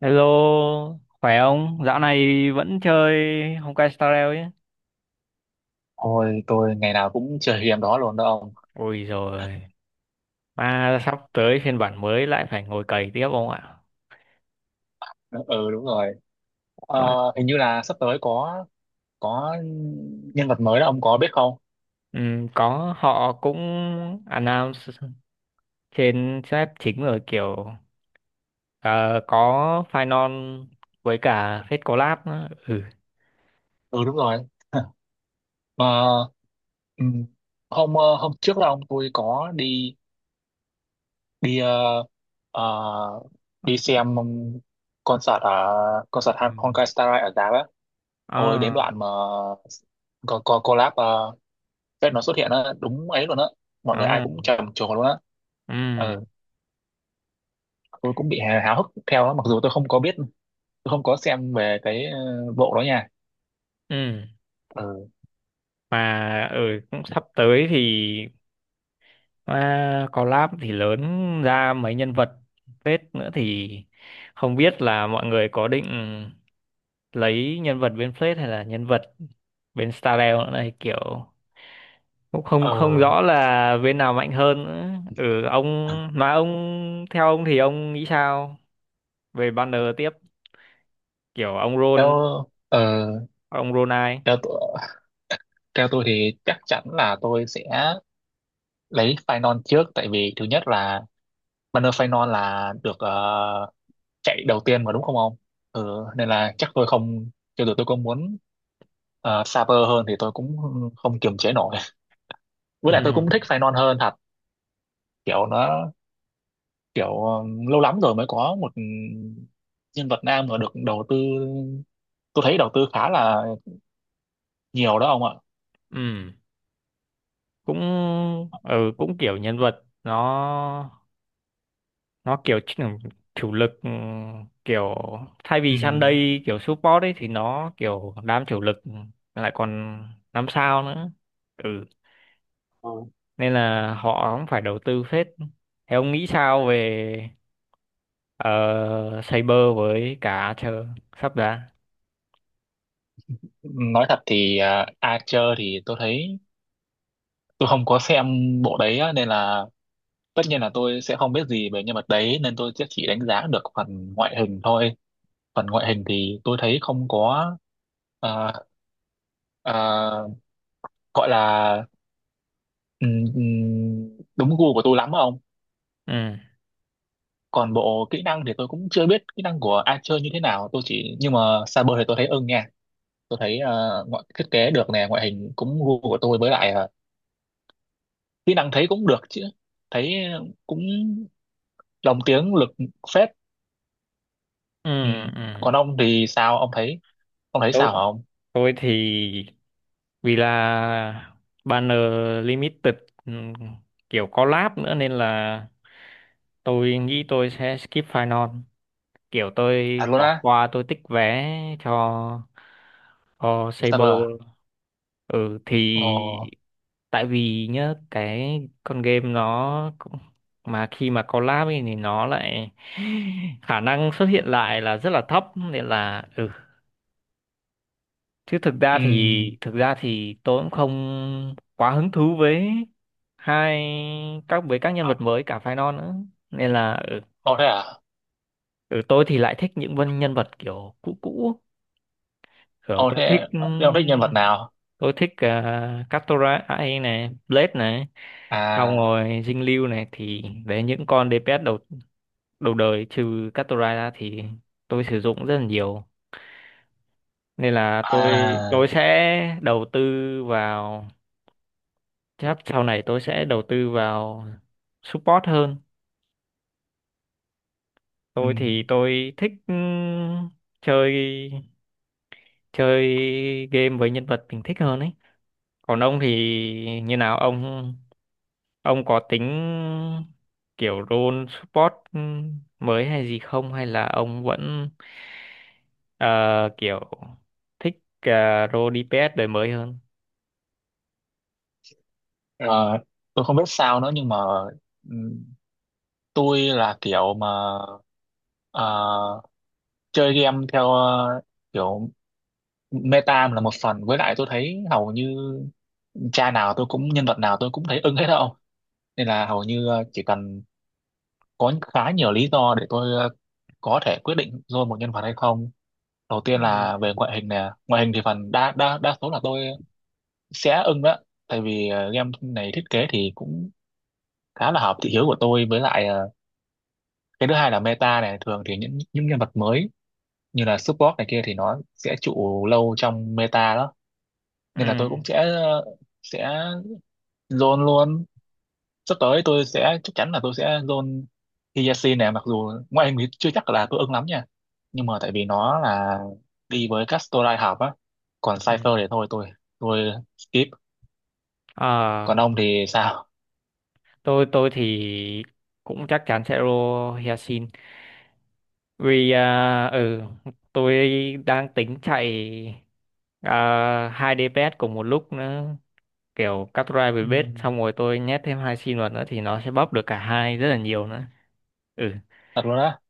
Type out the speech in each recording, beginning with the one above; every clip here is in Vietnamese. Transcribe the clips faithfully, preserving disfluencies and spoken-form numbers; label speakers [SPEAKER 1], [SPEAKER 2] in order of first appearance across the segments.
[SPEAKER 1] Hello, khỏe không? Dạo này vẫn chơi Honkai Star Rail chứ?
[SPEAKER 2] Ôi, tôi ngày nào cũng chơi game đó luôn đó ông.
[SPEAKER 1] Ôi rồi, mà sắp tới phiên bản mới lại phải ngồi cày tiếp không ạ?
[SPEAKER 2] Ừ đúng rồi. Ờ,
[SPEAKER 1] Mà,
[SPEAKER 2] Hình như là sắp tới có có nhân vật mới đó ông có biết không?
[SPEAKER 1] ừm, có họ cũng announce trên sếp chính rồi kiểu ờ, có Final với cả Fate Collab nữa. Ừ.
[SPEAKER 2] Ừ đúng rồi. Mà ừ, hôm ờ, hôm trước đó ông tôi có đi đi ờ, ờ, đi xem concert ở concert
[SPEAKER 1] Ừ.
[SPEAKER 2] Han- Honkai Star Rail ở Đà á. Ôi đến
[SPEAKER 1] Ờ,
[SPEAKER 2] đoạn mà có có collab uh, nó xuất hiện á đúng ấy luôn á. Mọi người ai
[SPEAKER 1] ờ,
[SPEAKER 2] cũng trầm trồ luôn á. Ừ.
[SPEAKER 1] ừm,
[SPEAKER 2] Tôi cũng bị háo háo hức theo đó, mặc dù tôi không có biết tôi không có xem về cái ờ, bộ đó nha.
[SPEAKER 1] ừm.
[SPEAKER 2] ờ
[SPEAKER 1] Mà ừ, cũng sắp tới thì à, collab thì lớn ra mấy nhân vật phết nữa thì không biết là mọi người có định lấy nhân vật bên phết hay là nhân vật bên Starrel nữa này kiểu cũng không
[SPEAKER 2] ờ
[SPEAKER 1] không rõ là bên nào mạnh hơn nữa. Ừ ông mà ông theo ông thì ông nghĩ sao về banner tiếp kiểu ông Ron
[SPEAKER 2] theo ờ
[SPEAKER 1] ông Ron ai?
[SPEAKER 2] theo tôi theo tôi thì chắc chắn là tôi sẽ lấy Phainon trước, tại vì thứ nhất là banner Phainon là được ờ, chạy đầu tiên mà đúng không ông. Ừ, nên là chắc tôi không, cho dù tôi có muốn uh, Saber hơn thì tôi cũng không kiềm chế nổi, với lại tôi cũng thích Phainon hơn thật. Kiểu nó kiểu ờ, lâu lắm rồi mới có một nhân vật nam mà được đầu tư, tôi thấy đầu tư khá là nhiều đó ông ạ.
[SPEAKER 1] Ừ. Cũng ừ cũng kiểu nhân vật nó nó kiểu chỉ chủ lực ừ, kiểu thay vì
[SPEAKER 2] Ừ.
[SPEAKER 1] Sunday kiểu support ấy thì nó kiểu đám chủ lực lại còn năm sao nữa, ừ,
[SPEAKER 2] Ờ,
[SPEAKER 1] nên là họ cũng phải đầu tư phết. Thế ông nghĩ sao về uh, Saber với cả chờ sắp ra?
[SPEAKER 2] nói thật thì à, Archer thì tôi thấy tôi không có xem bộ đấy á, nên là tất nhiên là tôi sẽ không biết gì về nhân vật đấy, nên tôi sẽ chỉ đánh giá được phần ngoại hình thôi. Phần ngoại hình thì tôi thấy không có à, à, gọi là ừm, ừm, đúng gu của tôi lắm á ông.
[SPEAKER 1] ừ
[SPEAKER 2] Còn bộ kỹ năng thì tôi cũng chưa biết kỹ năng của Archer như thế nào, tôi chỉ nhưng mà Saber thì tôi thấy ưng nha. Tôi thấy ờ, ngoại thiết kế được nè, ngoại hình cũng gu của tôi, với lại ờ, kỹ năng thấy cũng được chứ, thấy cũng lồng tiếng lực phết.
[SPEAKER 1] ừ
[SPEAKER 2] Ừ.
[SPEAKER 1] ừ
[SPEAKER 2] Còn ông thì sao, ông thấy ông thấy sao hả ông?
[SPEAKER 1] Tôi thì vì là banner limited, ừm, kiểu collab nữa nên là tôi nghĩ tôi sẽ skip final. Kiểu tôi
[SPEAKER 2] Thật luôn
[SPEAKER 1] bỏ
[SPEAKER 2] á.
[SPEAKER 1] qua, tôi tích vé cho cho
[SPEAKER 2] Saber à?
[SPEAKER 1] Saber. Ừ thì
[SPEAKER 2] Ồ.
[SPEAKER 1] tại vì nhá cái con game nó cũng- mà khi mà collab ấy thì nó lại khả năng xuất hiện lại là rất là thấp nên là ừ, chứ thực ra thì
[SPEAKER 2] Ừ.
[SPEAKER 1] thực ra thì tôi cũng không quá hứng thú với hai các với các nhân vật mới cả phái non nữa nên là ở,
[SPEAKER 2] Ồ thế à.
[SPEAKER 1] ở tôi thì lại thích những vân nhân vật kiểu cũ cũ kiểu
[SPEAKER 2] Ồ
[SPEAKER 1] tôi thích
[SPEAKER 2] thế, thế ông
[SPEAKER 1] ừm,
[SPEAKER 2] thích nhân vật nào?
[SPEAKER 1] tôi thích uh, Katara ai này, Blade này, xong
[SPEAKER 2] À.
[SPEAKER 1] rồi Dinh Lưu này, thì đấy những con đê pê ét đầu đầu đời trừ Katara ra thì tôi sử dụng rất là nhiều nên là tôi
[SPEAKER 2] À.
[SPEAKER 1] tôi sẽ đầu tư vào, chắc sau này tôi sẽ đầu tư vào support hơn.
[SPEAKER 2] Ừ.
[SPEAKER 1] Tôi thì tôi thích ừm, chơi chơi game với nhân vật mình thích hơn ấy. Còn ông thì như nào ông ông có tính kiểu role support ừm, mới hay gì không hay là ông vẫn ờ, kiểu thích uh, role di pi ét đời mới hơn?
[SPEAKER 2] Ờ, tôi không biết sao nữa, nhưng mà ừ, tôi là kiểu mà à, chơi game theo à, kiểu meta là một phần, với lại tôi thấy hầu như cha nào tôi cũng nhân vật nào tôi cũng thấy ưng hết đâu. Nên là hầu như à, chỉ cần có khá nhiều lý do để tôi à, có thể quyết định rồi một nhân vật hay không. Đầu
[SPEAKER 1] Ừ.
[SPEAKER 2] tiên là về ngoại hình nè, ngoại hình thì phần đa đa đa số là tôi sẽ ưng đó, tại vì à, game này thiết kế thì cũng khá là hợp thị hiếu của tôi, với lại à, cái thứ hai là meta này, thường thì những những nhân vật mới như là support này kia thì nó sẽ trụ lâu trong meta đó. Nên là
[SPEAKER 1] Ừ.
[SPEAKER 2] tôi cũng sẽ sẽ zone luôn. Sắp tới tôi sẽ chắc chắn là tôi sẽ zone Hyacinth này, mặc dù ngoại hình thì chưa chắc là tôi ưng lắm nha, nhưng mà tại vì nó là đi với Castorai học á. Còn
[SPEAKER 1] Ừ.
[SPEAKER 2] Cypher thì thôi tôi tôi skip. Còn
[SPEAKER 1] Ờ,
[SPEAKER 2] ông thì sao?
[SPEAKER 1] tôi tôi thì cũng chắc chắn sẽ roll Hyacinth. Vì à, ừ, tôi đang tính chạy à, hai đế bét cùng một lúc nữa, kiểu cắt drive với
[SPEAKER 2] Ừ,
[SPEAKER 1] bết xong rồi tôi nhét thêm hai sim vào nữa thì nó sẽ bóp được cả hai rất là nhiều nữa. ừ
[SPEAKER 2] thật luôn á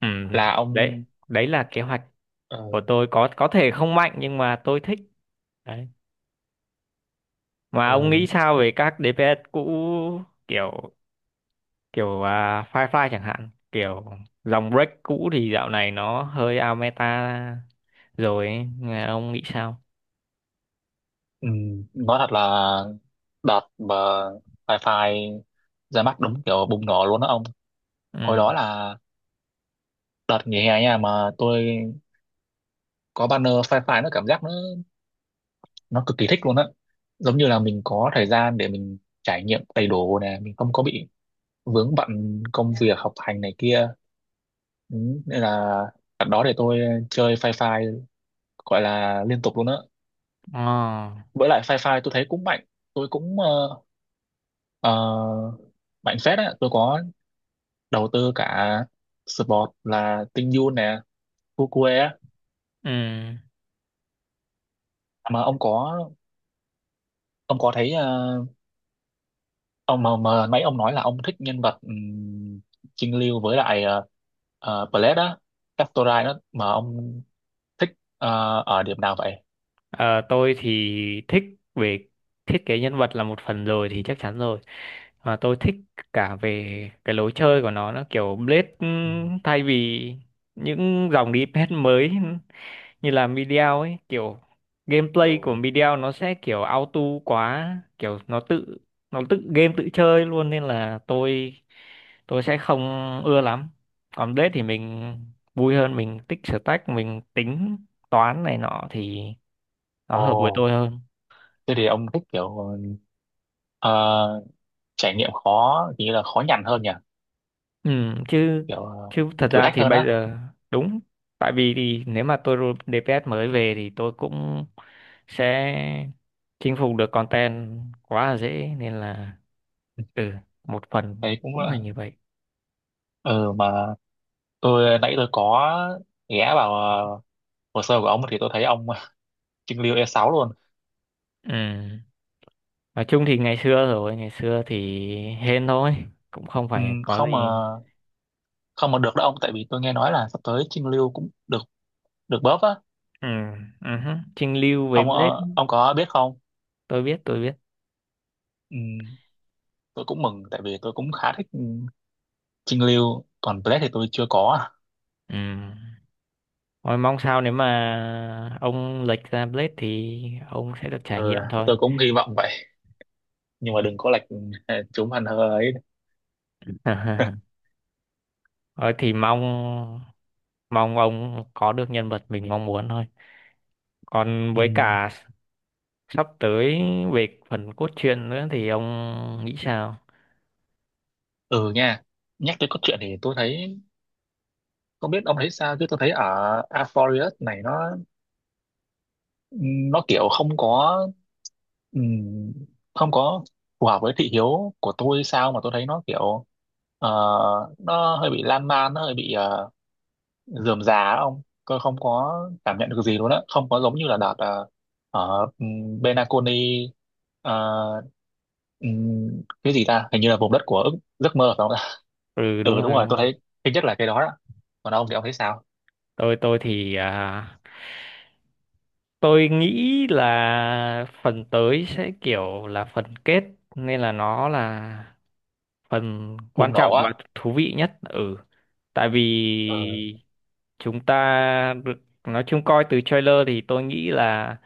[SPEAKER 1] ừ
[SPEAKER 2] là
[SPEAKER 1] Đấy,
[SPEAKER 2] ông.
[SPEAKER 1] đấy là kế hoạch
[SPEAKER 2] ờ,
[SPEAKER 1] của tôi, có có thể không mạnh nhưng mà tôi thích. Đấy. Mà
[SPEAKER 2] ờ,
[SPEAKER 1] ông nghĩ sao về các đê pê ét cũ, kiểu kiểu à, Firefly chẳng hạn, kiểu dòng break cũ thì dạo này nó hơi out meta rồi ấy. Nghe ông nghĩ sao?
[SPEAKER 2] ừ, nói thật là đợt mà Fi ra mắt đúng kiểu bùng nổ luôn đó ông. Hồi đó
[SPEAKER 1] ừ
[SPEAKER 2] là đợt nghỉ hè nha, mà tôi có banner sci-fi, nó cảm giác nó nó cực kỳ thích luôn á, giống như là mình có thời gian để mình trải nghiệm đầy đủ nè, mình không có bị vướng bận công việc học hành này kia. Ừ, nên là đợt đó để tôi chơi sci-fi gọi là liên tục luôn á.
[SPEAKER 1] Ờ.
[SPEAKER 2] Với lại sci-fi tôi thấy cũng mạnh, tôi cũng ờ, ờ, mạnh phết á. Tôi có đầu tư cả support là Tinh Yoon nè, Fukue á.
[SPEAKER 1] ừ
[SPEAKER 2] Mà ông có ông có thấy ờ, ông mà, mà mấy ông nói là ông thích nhân vật um, Trinh Lưu với lại uh, uh, Blade á, Castorai đó mà ông thích ờ, ở điểm nào vậy?
[SPEAKER 1] Ờ, tôi thì thích về thiết kế nhân vật là một phần rồi thì chắc chắn rồi, mà tôi thích cả về cái lối chơi của nó. Nó kiểu Blade,
[SPEAKER 2] Ừ.
[SPEAKER 1] ừm, thay vì những dòng đê pê ét mới như là Mediao ấy, kiểu gameplay
[SPEAKER 2] Ừ.
[SPEAKER 1] của Mediao nó sẽ kiểu auto quá, kiểu nó tự nó tự game tự chơi luôn nên là tôi tôi sẽ không ưa lắm. Còn Blade thì mình vui hơn, mình tích stack, mình tính toán này nọ thì nó hợp với
[SPEAKER 2] Ồ,
[SPEAKER 1] tôi hơn.
[SPEAKER 2] thế thì ông thích kiểu ờ, trải nghiệm khó, nghĩa là khó nhằn hơn nhỉ,
[SPEAKER 1] ừ, chứ
[SPEAKER 2] kiểu ờ,
[SPEAKER 1] chứ thật
[SPEAKER 2] thử
[SPEAKER 1] ra
[SPEAKER 2] thách
[SPEAKER 1] thì
[SPEAKER 2] hơn
[SPEAKER 1] bây
[SPEAKER 2] á?
[SPEAKER 1] giờ đúng, tại vì thì nếu mà tôi roll đê pê ét mới về thì tôi cũng sẽ chinh phục được content quá là dễ nên là ừ, một phần
[SPEAKER 2] Đấy cũng
[SPEAKER 1] cũng là
[SPEAKER 2] là
[SPEAKER 1] như vậy.
[SPEAKER 2] ừ. Mà tôi nãy tôi có ghé vào ờ, hồ sơ của ông thì tôi thấy ông Trưng Lưu e sáu luôn.
[SPEAKER 1] Ừ, nói chung thì ngày xưa rồi ngày xưa thì hên thôi, cũng không
[SPEAKER 2] Ừ,
[SPEAKER 1] phải có gì.
[SPEAKER 2] không mà không mà được đó ông, tại vì tôi nghe nói là sắp tới Trinh Lưu cũng được được bóp á.
[SPEAKER 1] Ừ, uh, Trinh Lưu với
[SPEAKER 2] Ông
[SPEAKER 1] Blade,
[SPEAKER 2] ờ, ông có biết không?
[SPEAKER 1] tôi biết tôi biết.
[SPEAKER 2] Ừ, tôi cũng mừng, tại vì tôi cũng khá thích ừ, Trinh Lưu. Còn Black thì tôi chưa có.
[SPEAKER 1] Ừ. Thôi mong sao nếu mà ông lệch ra Blade thì ông sẽ được trải
[SPEAKER 2] Ừ,
[SPEAKER 1] nghiệm thôi.
[SPEAKER 2] tôi cũng hy vọng vậy, nhưng mà đừng có lệch ừ, chúng hẳn hơ ấy.
[SPEAKER 1] Thôi thì mong mong ông có được nhân vật mình mong muốn thôi. Còn
[SPEAKER 2] Ừ,
[SPEAKER 1] với cả sắp tới về phần cốt truyện nữa thì ông nghĩ sao?
[SPEAKER 2] ừ nha, nhắc tới cốt truyện thì tôi thấy, không biết ông thấy sao chứ tôi thấy ở Aphorius này, nó nó kiểu không có ừm, không có phù hợp với thị hiếu của tôi sao, mà tôi thấy nó kiểu ờ, nó hơi bị lan man, nó hơi bị uh, rườm rà á ông. Tôi không có cảm nhận được gì luôn á, không có giống như là đợt ờ, ở um, Benaconi. ờ, ừm, cái gì ta, hình như là vùng đất của ước, giấc mơ phải không ta?
[SPEAKER 1] Ừ đúng
[SPEAKER 2] Ừ đúng
[SPEAKER 1] rồi,
[SPEAKER 2] rồi, tôi thấy thứ nhất là cái đó đó. Còn ông thì ông thấy sao?
[SPEAKER 1] tôi tôi thì à, tôi nghĩ là phần tới sẽ kiểu là phần kết nên là nó là phần quan
[SPEAKER 2] Bùng nổ
[SPEAKER 1] trọng và
[SPEAKER 2] á.
[SPEAKER 1] thú vị nhất. Ừ, tại vì
[SPEAKER 2] Ừ.
[SPEAKER 1] chúng ta được nói chung coi từ trailer thì tôi nghĩ là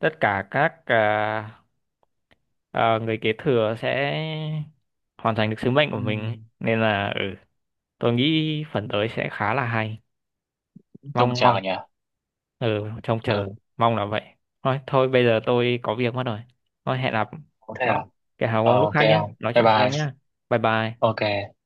[SPEAKER 1] tất cả các à, à, người kế thừa sẽ hoàn thành được sứ mệnh của mình
[SPEAKER 2] Ừm,
[SPEAKER 1] nên là ừ, tôi nghĩ phần tới sẽ khá là hay.
[SPEAKER 2] trông
[SPEAKER 1] Mong mong
[SPEAKER 2] chào nhỉ.
[SPEAKER 1] Ừ, trông
[SPEAKER 2] Ừ.
[SPEAKER 1] chờ, mong là vậy thôi. Thôi bây giờ tôi có việc mất rồi, thôi hẹn gặp
[SPEAKER 2] Có thế
[SPEAKER 1] nó
[SPEAKER 2] à.
[SPEAKER 1] cái hào
[SPEAKER 2] Ờ,
[SPEAKER 1] ông lúc
[SPEAKER 2] ok
[SPEAKER 1] khác nhé,
[SPEAKER 2] không,
[SPEAKER 1] nói
[SPEAKER 2] bye
[SPEAKER 1] chuyện sau nhé.
[SPEAKER 2] bye.
[SPEAKER 1] Bye bye.
[SPEAKER 2] Ok.